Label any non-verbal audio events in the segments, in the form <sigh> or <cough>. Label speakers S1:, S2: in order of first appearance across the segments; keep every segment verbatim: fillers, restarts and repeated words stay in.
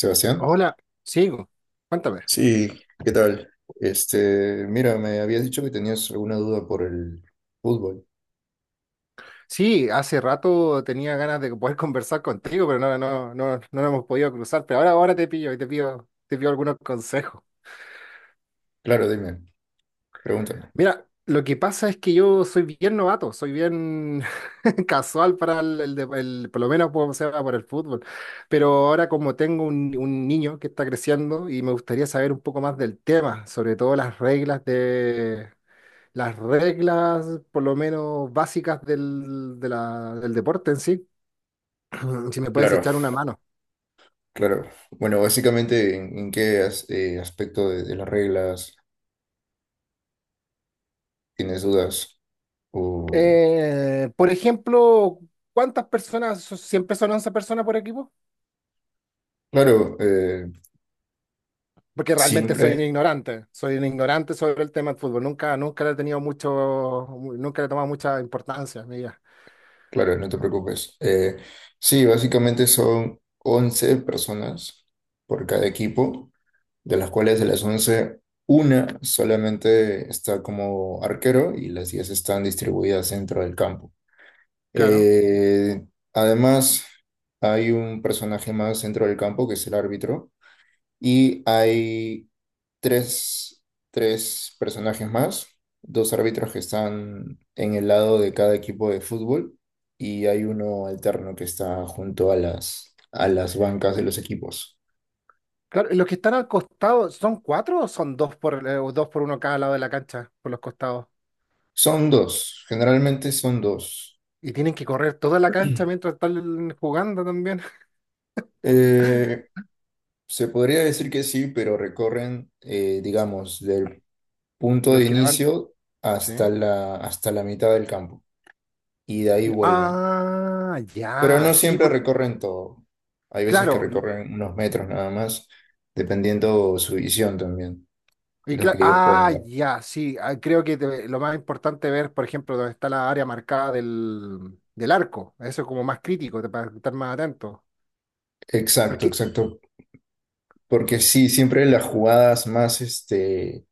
S1: Sebastián,
S2: Hola, sigo. Cuéntame.
S1: sí, ¿qué tal? Este, mira, me habías dicho que tenías alguna duda por el fútbol.
S2: Sí, hace rato tenía ganas de poder <laughs> conversar contigo, pero no, no, no, no nos hemos podido cruzar. Pero ahora, ahora te pillo y te pido, te pido algunos consejos.
S1: Claro, dime, pregúntame.
S2: Mira, lo que pasa es que yo soy bien novato, soy bien <laughs> casual para el, el de- el- por lo menos por, o sea, para el fútbol. Pero ahora como tengo un, un niño que está creciendo y me gustaría saber un poco más del tema, sobre todo las reglas las reglas, por lo menos básicas del, de la- del deporte en sí, <clears throat> si me puedes
S1: Claro,
S2: echar una mano.
S1: claro. Bueno, básicamente, ¿en, en qué as- eh, aspecto de, de las reglas tienes dudas? O,
S2: Eh, por ejemplo, ¿cuántas personas? so- ¿Siempre son once personas por equipo?
S1: claro, eh,
S2: Porque realmente soy un
S1: siempre,
S2: ignorante, soy un ignorante sobre el tema del fútbol. Nunca, nunca le he tenido mucho, mu- nunca le he tomado mucha importancia en mi vida.
S1: claro, no te preocupes. Eh, sí, básicamente son once personas por cada equipo. De las cuales, de las once, una solamente está como arquero y las diez están distribuidas dentro del campo.
S2: Claro.
S1: Eh, Además, hay un personaje más dentro del campo que es el árbitro, y hay tres, tres personajes más, dos árbitros que están en el lado de cada equipo de fútbol, y hay uno alterno que está junto a las, a las bancas de los equipos.
S2: Claro, ¿y los que están al costado son cuatro o son dos por, eh, o dos por uno cada lado de la cancha, por los costados?
S1: Son dos, generalmente son dos.
S2: Y tienen que correr toda la cancha mientras están jugando también. <laughs>
S1: Eh, Se podría decir que sí, pero recorren, eh, digamos, del punto
S2: Los
S1: de
S2: que levantan.
S1: inicio
S2: Sí.
S1: hasta la, hasta la mitad del campo y de ahí vuelven.
S2: Ah,
S1: Pero
S2: ya,
S1: no
S2: sí,
S1: siempre
S2: porque,
S1: recorren todo. Hay veces que
S2: claro.
S1: recorren unos metros nada más, dependiendo su visión también,
S2: Y
S1: lo
S2: cla-
S1: que ellos puedan
S2: ah,
S1: ver.
S2: ya, sí. ah, creo que te- lo más importante ver, por ejemplo, dónde está la área marcada del, del arco. Eso es como más crítico, te- para estar más atento.
S1: Exacto,
S2: Porque,
S1: exacto. Porque sí, siempre las jugadas más, este,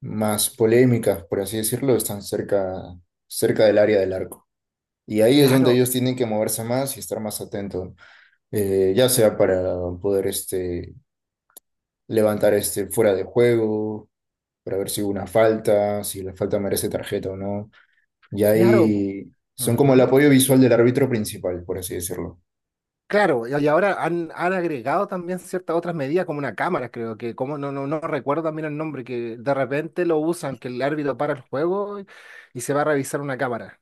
S1: más polémicas, por así decirlo, están cerca, cerca del área del arco. Y ahí es donde
S2: claro,
S1: ellos tienen que moverse más y estar más atentos, eh, ya sea para poder este, levantar este fuera de juego, para ver si hubo una falta, si la falta merece tarjeta o no. Y
S2: claro.
S1: ahí son como el
S2: Ujú.
S1: apoyo visual del árbitro principal, por así decirlo.
S2: Claro, y y ahora han, han agregado también ciertas otras medidas, como una cámara, creo que, como no, no, no recuerdo también el nombre, que de repente lo usan, que el árbitro para el juego y, y se va a revisar una cámara.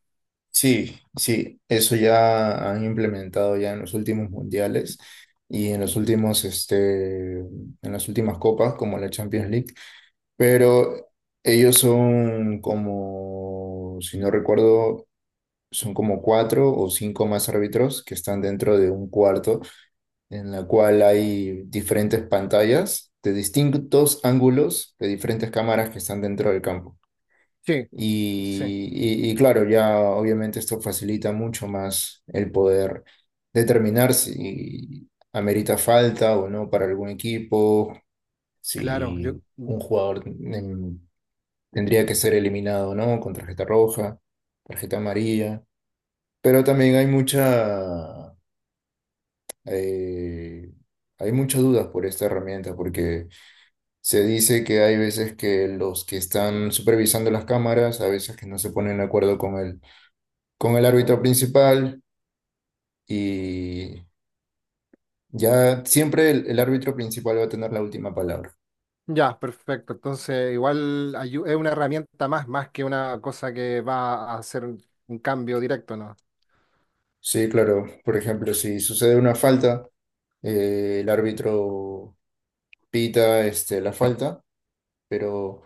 S1: Sí, sí, eso ya han implementado ya en los últimos mundiales y en los últimos, este, en las últimas copas, como la Champions League. Pero ellos son como, si no recuerdo, son como cuatro o cinco más árbitros que están dentro de un cuarto en la cual hay diferentes pantallas de distintos ángulos de diferentes cámaras que están dentro del campo.
S2: Sí, sí,
S1: Y, y- y claro, ya obviamente esto facilita mucho más el poder determinar si amerita falta o no para algún equipo,
S2: claro.
S1: si
S2: Yo,
S1: un jugador... em, tendría que ser eliminado, ¿no? Con tarjeta roja, tarjeta amarilla. Pero también hay mucha, eh, hay muchas dudas por esta herramienta, porque se dice que hay veces que los que están supervisando las cámaras, a veces que no se ponen de acuerdo con el, con el árbitro principal, y ya siempre el, el árbitro principal va a tener la última palabra.
S2: ya, perfecto. Entonces, igual ayu- es una herramienta más, más que una cosa que va a hacer un, un cambio directo, ¿no?
S1: Sí, claro. Por ejemplo, si sucede una falta, eh, el árbitro pita este, la falta, pero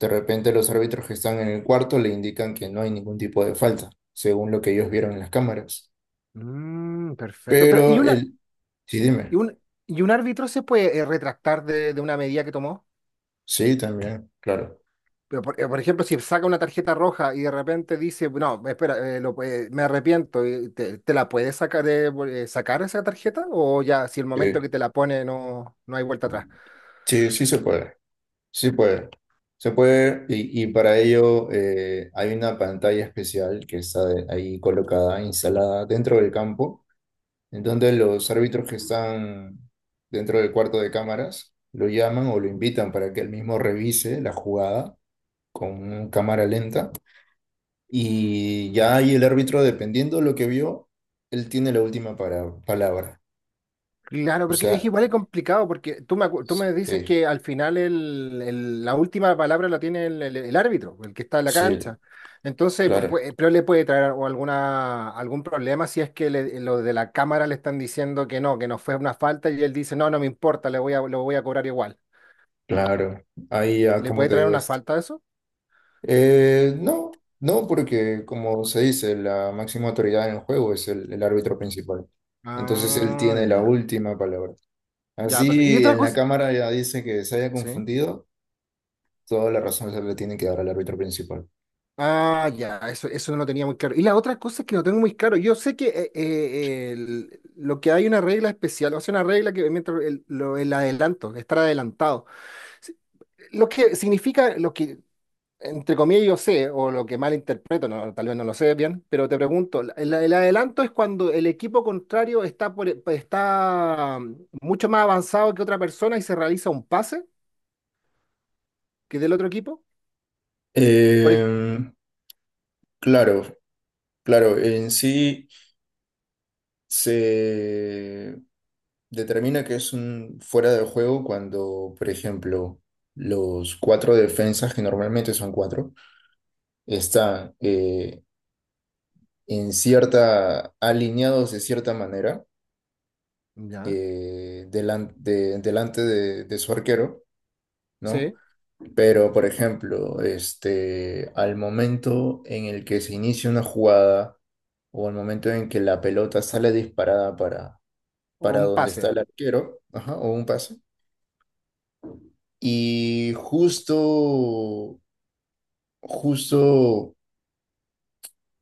S1: de repente los árbitros que están en el cuarto le indican que no hay ningún tipo de falta, según lo que ellos vieron en las cámaras.
S2: Mm, perfecto. Pero, ¿y
S1: Pero
S2: una,
S1: el... Sí,
S2: y
S1: dime.
S2: un, ¿y un árbitro se puede eh, retractar de, de una medida que tomó?
S1: Sí, también, claro.
S2: Pero por, eh, por ejemplo, si saca una tarjeta roja y de repente dice, no, espera, eh, lo- eh, me arrepiento, y ¿te, te la puedes sacar, de- eh, sacar esa tarjeta? ¿O ya si el momento que
S1: Sí,
S2: te la pone no, no hay vuelta atrás?
S1: sí, sí se puede. Sí puede. Se puede y, y para ello eh, hay una pantalla especial que está de- ahí colocada, instalada dentro del campo, en donde los árbitros que están dentro del cuarto de cámaras lo llaman o lo invitan para que él mismo revise la jugada con cámara lenta, y ya ahí el árbitro, dependiendo de lo que vio, él tiene la última para- palabra.
S2: Claro,
S1: O
S2: porque es
S1: sea,
S2: igual de complicado, porque tú me, acu- tú me dices
S1: sí,
S2: que al final el- el- la última palabra la tiene el, el- el árbitro, el que está en la
S1: sí,
S2: cancha. Entonces,
S1: claro,
S2: pu- pero le puede traer o alguna, algún problema si es que le- lo de la cámara le están diciendo que no, que no fue una falta y él dice, no, no me importa, le voy a, lo voy a cobrar igual.
S1: claro. Ahí ya,
S2: ¿Le
S1: ¿cómo
S2: puede
S1: te
S2: traer
S1: digo
S2: una
S1: esto?
S2: falta a eso?
S1: Eh, no, no, porque como se dice, la máxima autoridad en el juego es el, el árbitro principal. Entonces él
S2: Ah,
S1: tiene la
S2: ya.
S1: última palabra.
S2: Ya, perfecto. Y
S1: Así
S2: otra
S1: en la
S2: cosa,
S1: cámara ya dice que se haya
S2: sí.
S1: confundido, toda la razón se le tiene que dar al árbitro principal.
S2: Ah, ya, eso, eso no lo tenía muy claro. Y la otra cosa es que no tengo muy claro. Yo sé que eh, eh, el- lo que hay una regla especial, o sea, una regla que mientras el, lo- el adelanto, estar adelantado. Si- Lo que significa, lo que entre comillas yo sé, o lo que mal interpreto, no, tal vez no lo sé bien, pero te pregunto, la- el, el adelanto es cuando el equipo contrario está, por, e, está mm, mucho más avanzado que otra persona y se realiza un pase que del otro equipo. Por ej-
S1: Eh, claro, claro, en sí se determina que es un fuera de juego cuando, por ejemplo, los cuatro defensas, que normalmente son cuatro, están eh, en cierta, alineados de cierta manera,
S2: ya,
S1: eh, delan- de- delante de, de su arquero, ¿no?
S2: sí,
S1: Pero, por ejemplo, este, al momento en el que se inicia una jugada o al momento en que la pelota sale disparada
S2: o
S1: para
S2: un
S1: donde
S2: pase.
S1: está el arquero, ajá, o un pase. Y justo, justo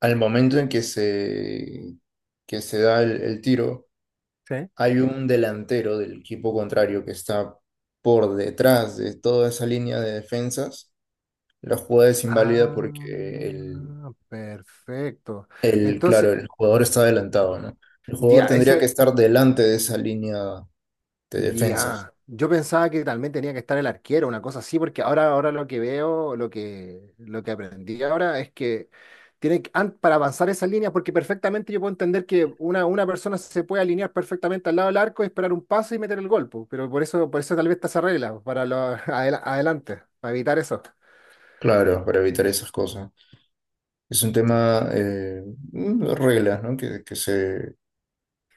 S1: al momento en que se, que se da el, el tiro, hay un delantero del equipo contrario que está por detrás de toda esa línea de defensas. La jugada es inválida porque el,
S2: Ah, perfecto.
S1: el,
S2: Entonces,
S1: claro, el jugador está adelantado, ¿no? El jugador
S2: ya, eso
S1: tendría que
S2: es,
S1: estar delante de esa línea de defensas,
S2: ya. Yo pensaba que también tenía que estar el arquero, una cosa así, porque ahora, ahora lo que veo, lo que, lo que aprendí ahora es que tiene que- an- para avanzar esa línea, porque perfectamente yo puedo entender que una, una persona se puede alinear perfectamente al lado del arco, esperar un paso y meter el golpe, pero por eso, por eso tal vez está esa regla, para lo, <laughs> adela- adelante, para evitar eso.
S1: claro, para evitar esas cosas. Es un tema, eh, mm, reglas, ¿no? Que, que se,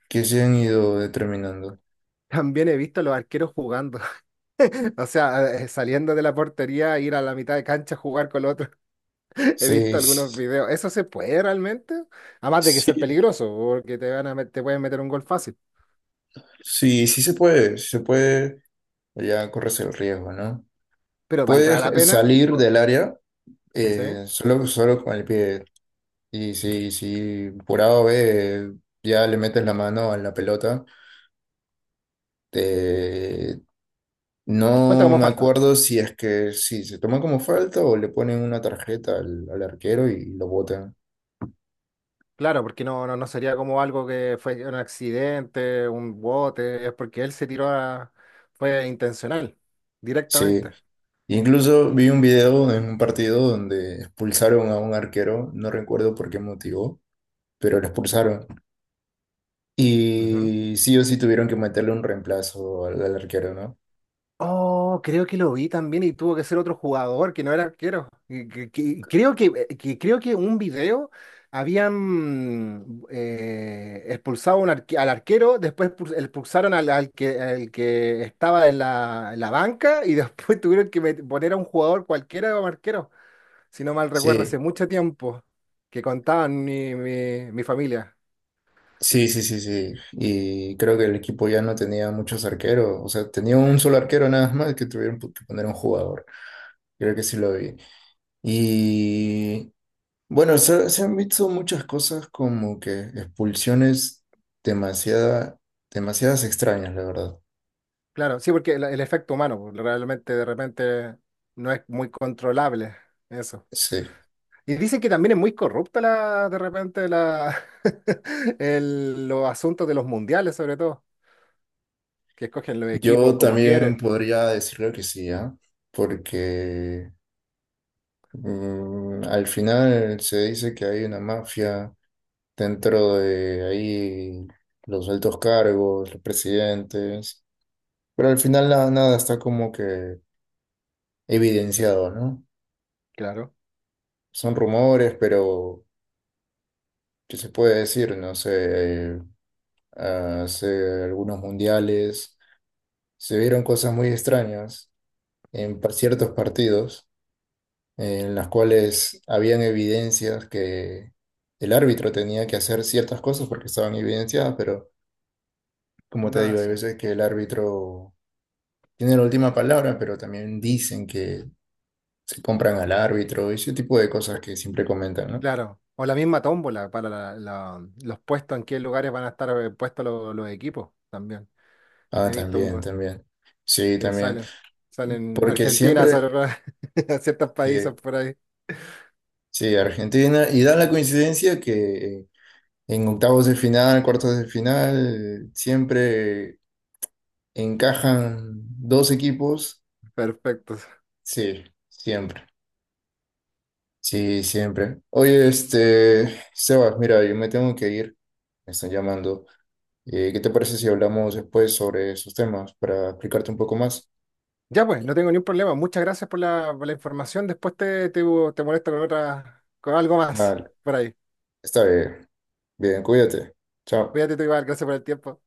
S1: que se han ido determinando.
S2: También he visto a los arqueros jugando. O sea, eh, saliendo de la portería, ir a la mitad de cancha a jugar con los otros. <laughs> He visto
S1: Sí,
S2: algunos
S1: sí,
S2: videos. ¿Eso se puede realmente? Además de que ser
S1: sí,
S2: peligroso, porque te van a met- te pueden meter un gol fácil.
S1: sí, sí se puede, sí se puede, ya corres el riesgo, ¿no?
S2: Pero ¿valdrá la
S1: Puedes
S2: pena?
S1: salir
S2: O...
S1: del área,
S2: ¿Sí?
S1: eh, solo, solo con el pie. Y si, si por A o B ya le metes la mano a la pelota, te-
S2: Cuenta
S1: no
S2: como
S1: me
S2: falta.
S1: acuerdo si es que sí, se toma como falta o le ponen una tarjeta al, al arquero y lo botan.
S2: Claro, porque no, no, no sería como algo que fue un accidente, un bote, es porque él se tiró a... fue intencional,
S1: Sí.
S2: directamente.
S1: Incluso vi un video en un partido donde expulsaron a un arquero, no recuerdo por qué motivo, pero lo expulsaron.
S2: Ujú.
S1: Y sí o sí tuvieron que meterle un reemplazo al, al arquero, ¿no?
S2: Oh, creo que lo vi también y tuvo que ser otro jugador que no era arquero. Y que- que- Creo que, eh, que creo que un video habían eh, expulsado un arque- al arquero, después expul- expulsaron al, al que, al que estaba en la, en la banca y después <laughs> tuvieron que met- poner a un jugador cualquiera como arquero. Si no mal recuerdo, hace
S1: Sí,
S2: mucho tiempo que contaban mi, mi, mi familia.
S1: sí, sí, sí, sí. Y creo que el equipo ya no tenía muchos arqueros, o sea, tenía un solo arquero nada más que tuvieron pu- que poner un jugador. Creo que sí lo vi. Y bueno, se, se han visto muchas cosas como que expulsiones demasiada, demasiadas extrañas, la verdad.
S2: Claro, sí, porque el, el efecto humano pues, realmente de repente no es muy controlable eso.
S1: Sí,
S2: Y dicen que también es muy corrupta la, de repente la, <laughs> el- los asuntos de los mundiales, sobre todo, que escogen los equipos
S1: yo
S2: como
S1: también
S2: quieren.
S1: podría decirlo que sí, ¿ah? Porque mm, al final se dice que hay una mafia dentro de ahí, los altos cargos, los presidentes, pero al final nada, nada está como que evidenciado, ¿no?
S2: Claro,
S1: Son rumores, pero ¿qué se puede decir? No sé, hace algunos mundiales se vieron cosas muy extrañas en pa- ciertos partidos en las cuales habían evidencias que el árbitro tenía que hacer ciertas cosas porque estaban evidenciadas, pero como
S2: no
S1: te
S2: lo
S1: digo, hay
S2: hacía.
S1: veces que el árbitro tiene la última palabra, pero también dicen que se compran al árbitro y ese tipo de cosas que siempre comentan, ¿no?
S2: Claro. O la misma tómbola para la- la- los puestos, en qué lugares van a estar eh, puestos los, los equipos también.
S1: Ah,
S2: He visto
S1: también,
S2: un-
S1: también. Sí,
S2: que
S1: también.
S2: salen, salen
S1: Porque
S2: Argentina,
S1: siempre,
S2: salen <laughs> a ciertos países
S1: sí,
S2: por ahí.
S1: sí, Argentina, y da la coincidencia que... eh, en octavos de final, cuartos de final, siempre encajan dos equipos.
S2: Perfecto.
S1: Sí, siempre. Sí, siempre. Oye, este, Sebas, mira, yo me tengo que ir. Me están llamando. Eh, ¿qué te parece si hablamos después sobre esos temas para explicarte un poco más?
S2: Ya pues, no tengo ningún problema. Muchas gracias por la, por la información. Después te, te, te molesto con otra, con algo más
S1: Vale,
S2: por ahí.
S1: está bien. Bien, cuídate. Chao.
S2: Cuídate tú igual, gracias por el tiempo.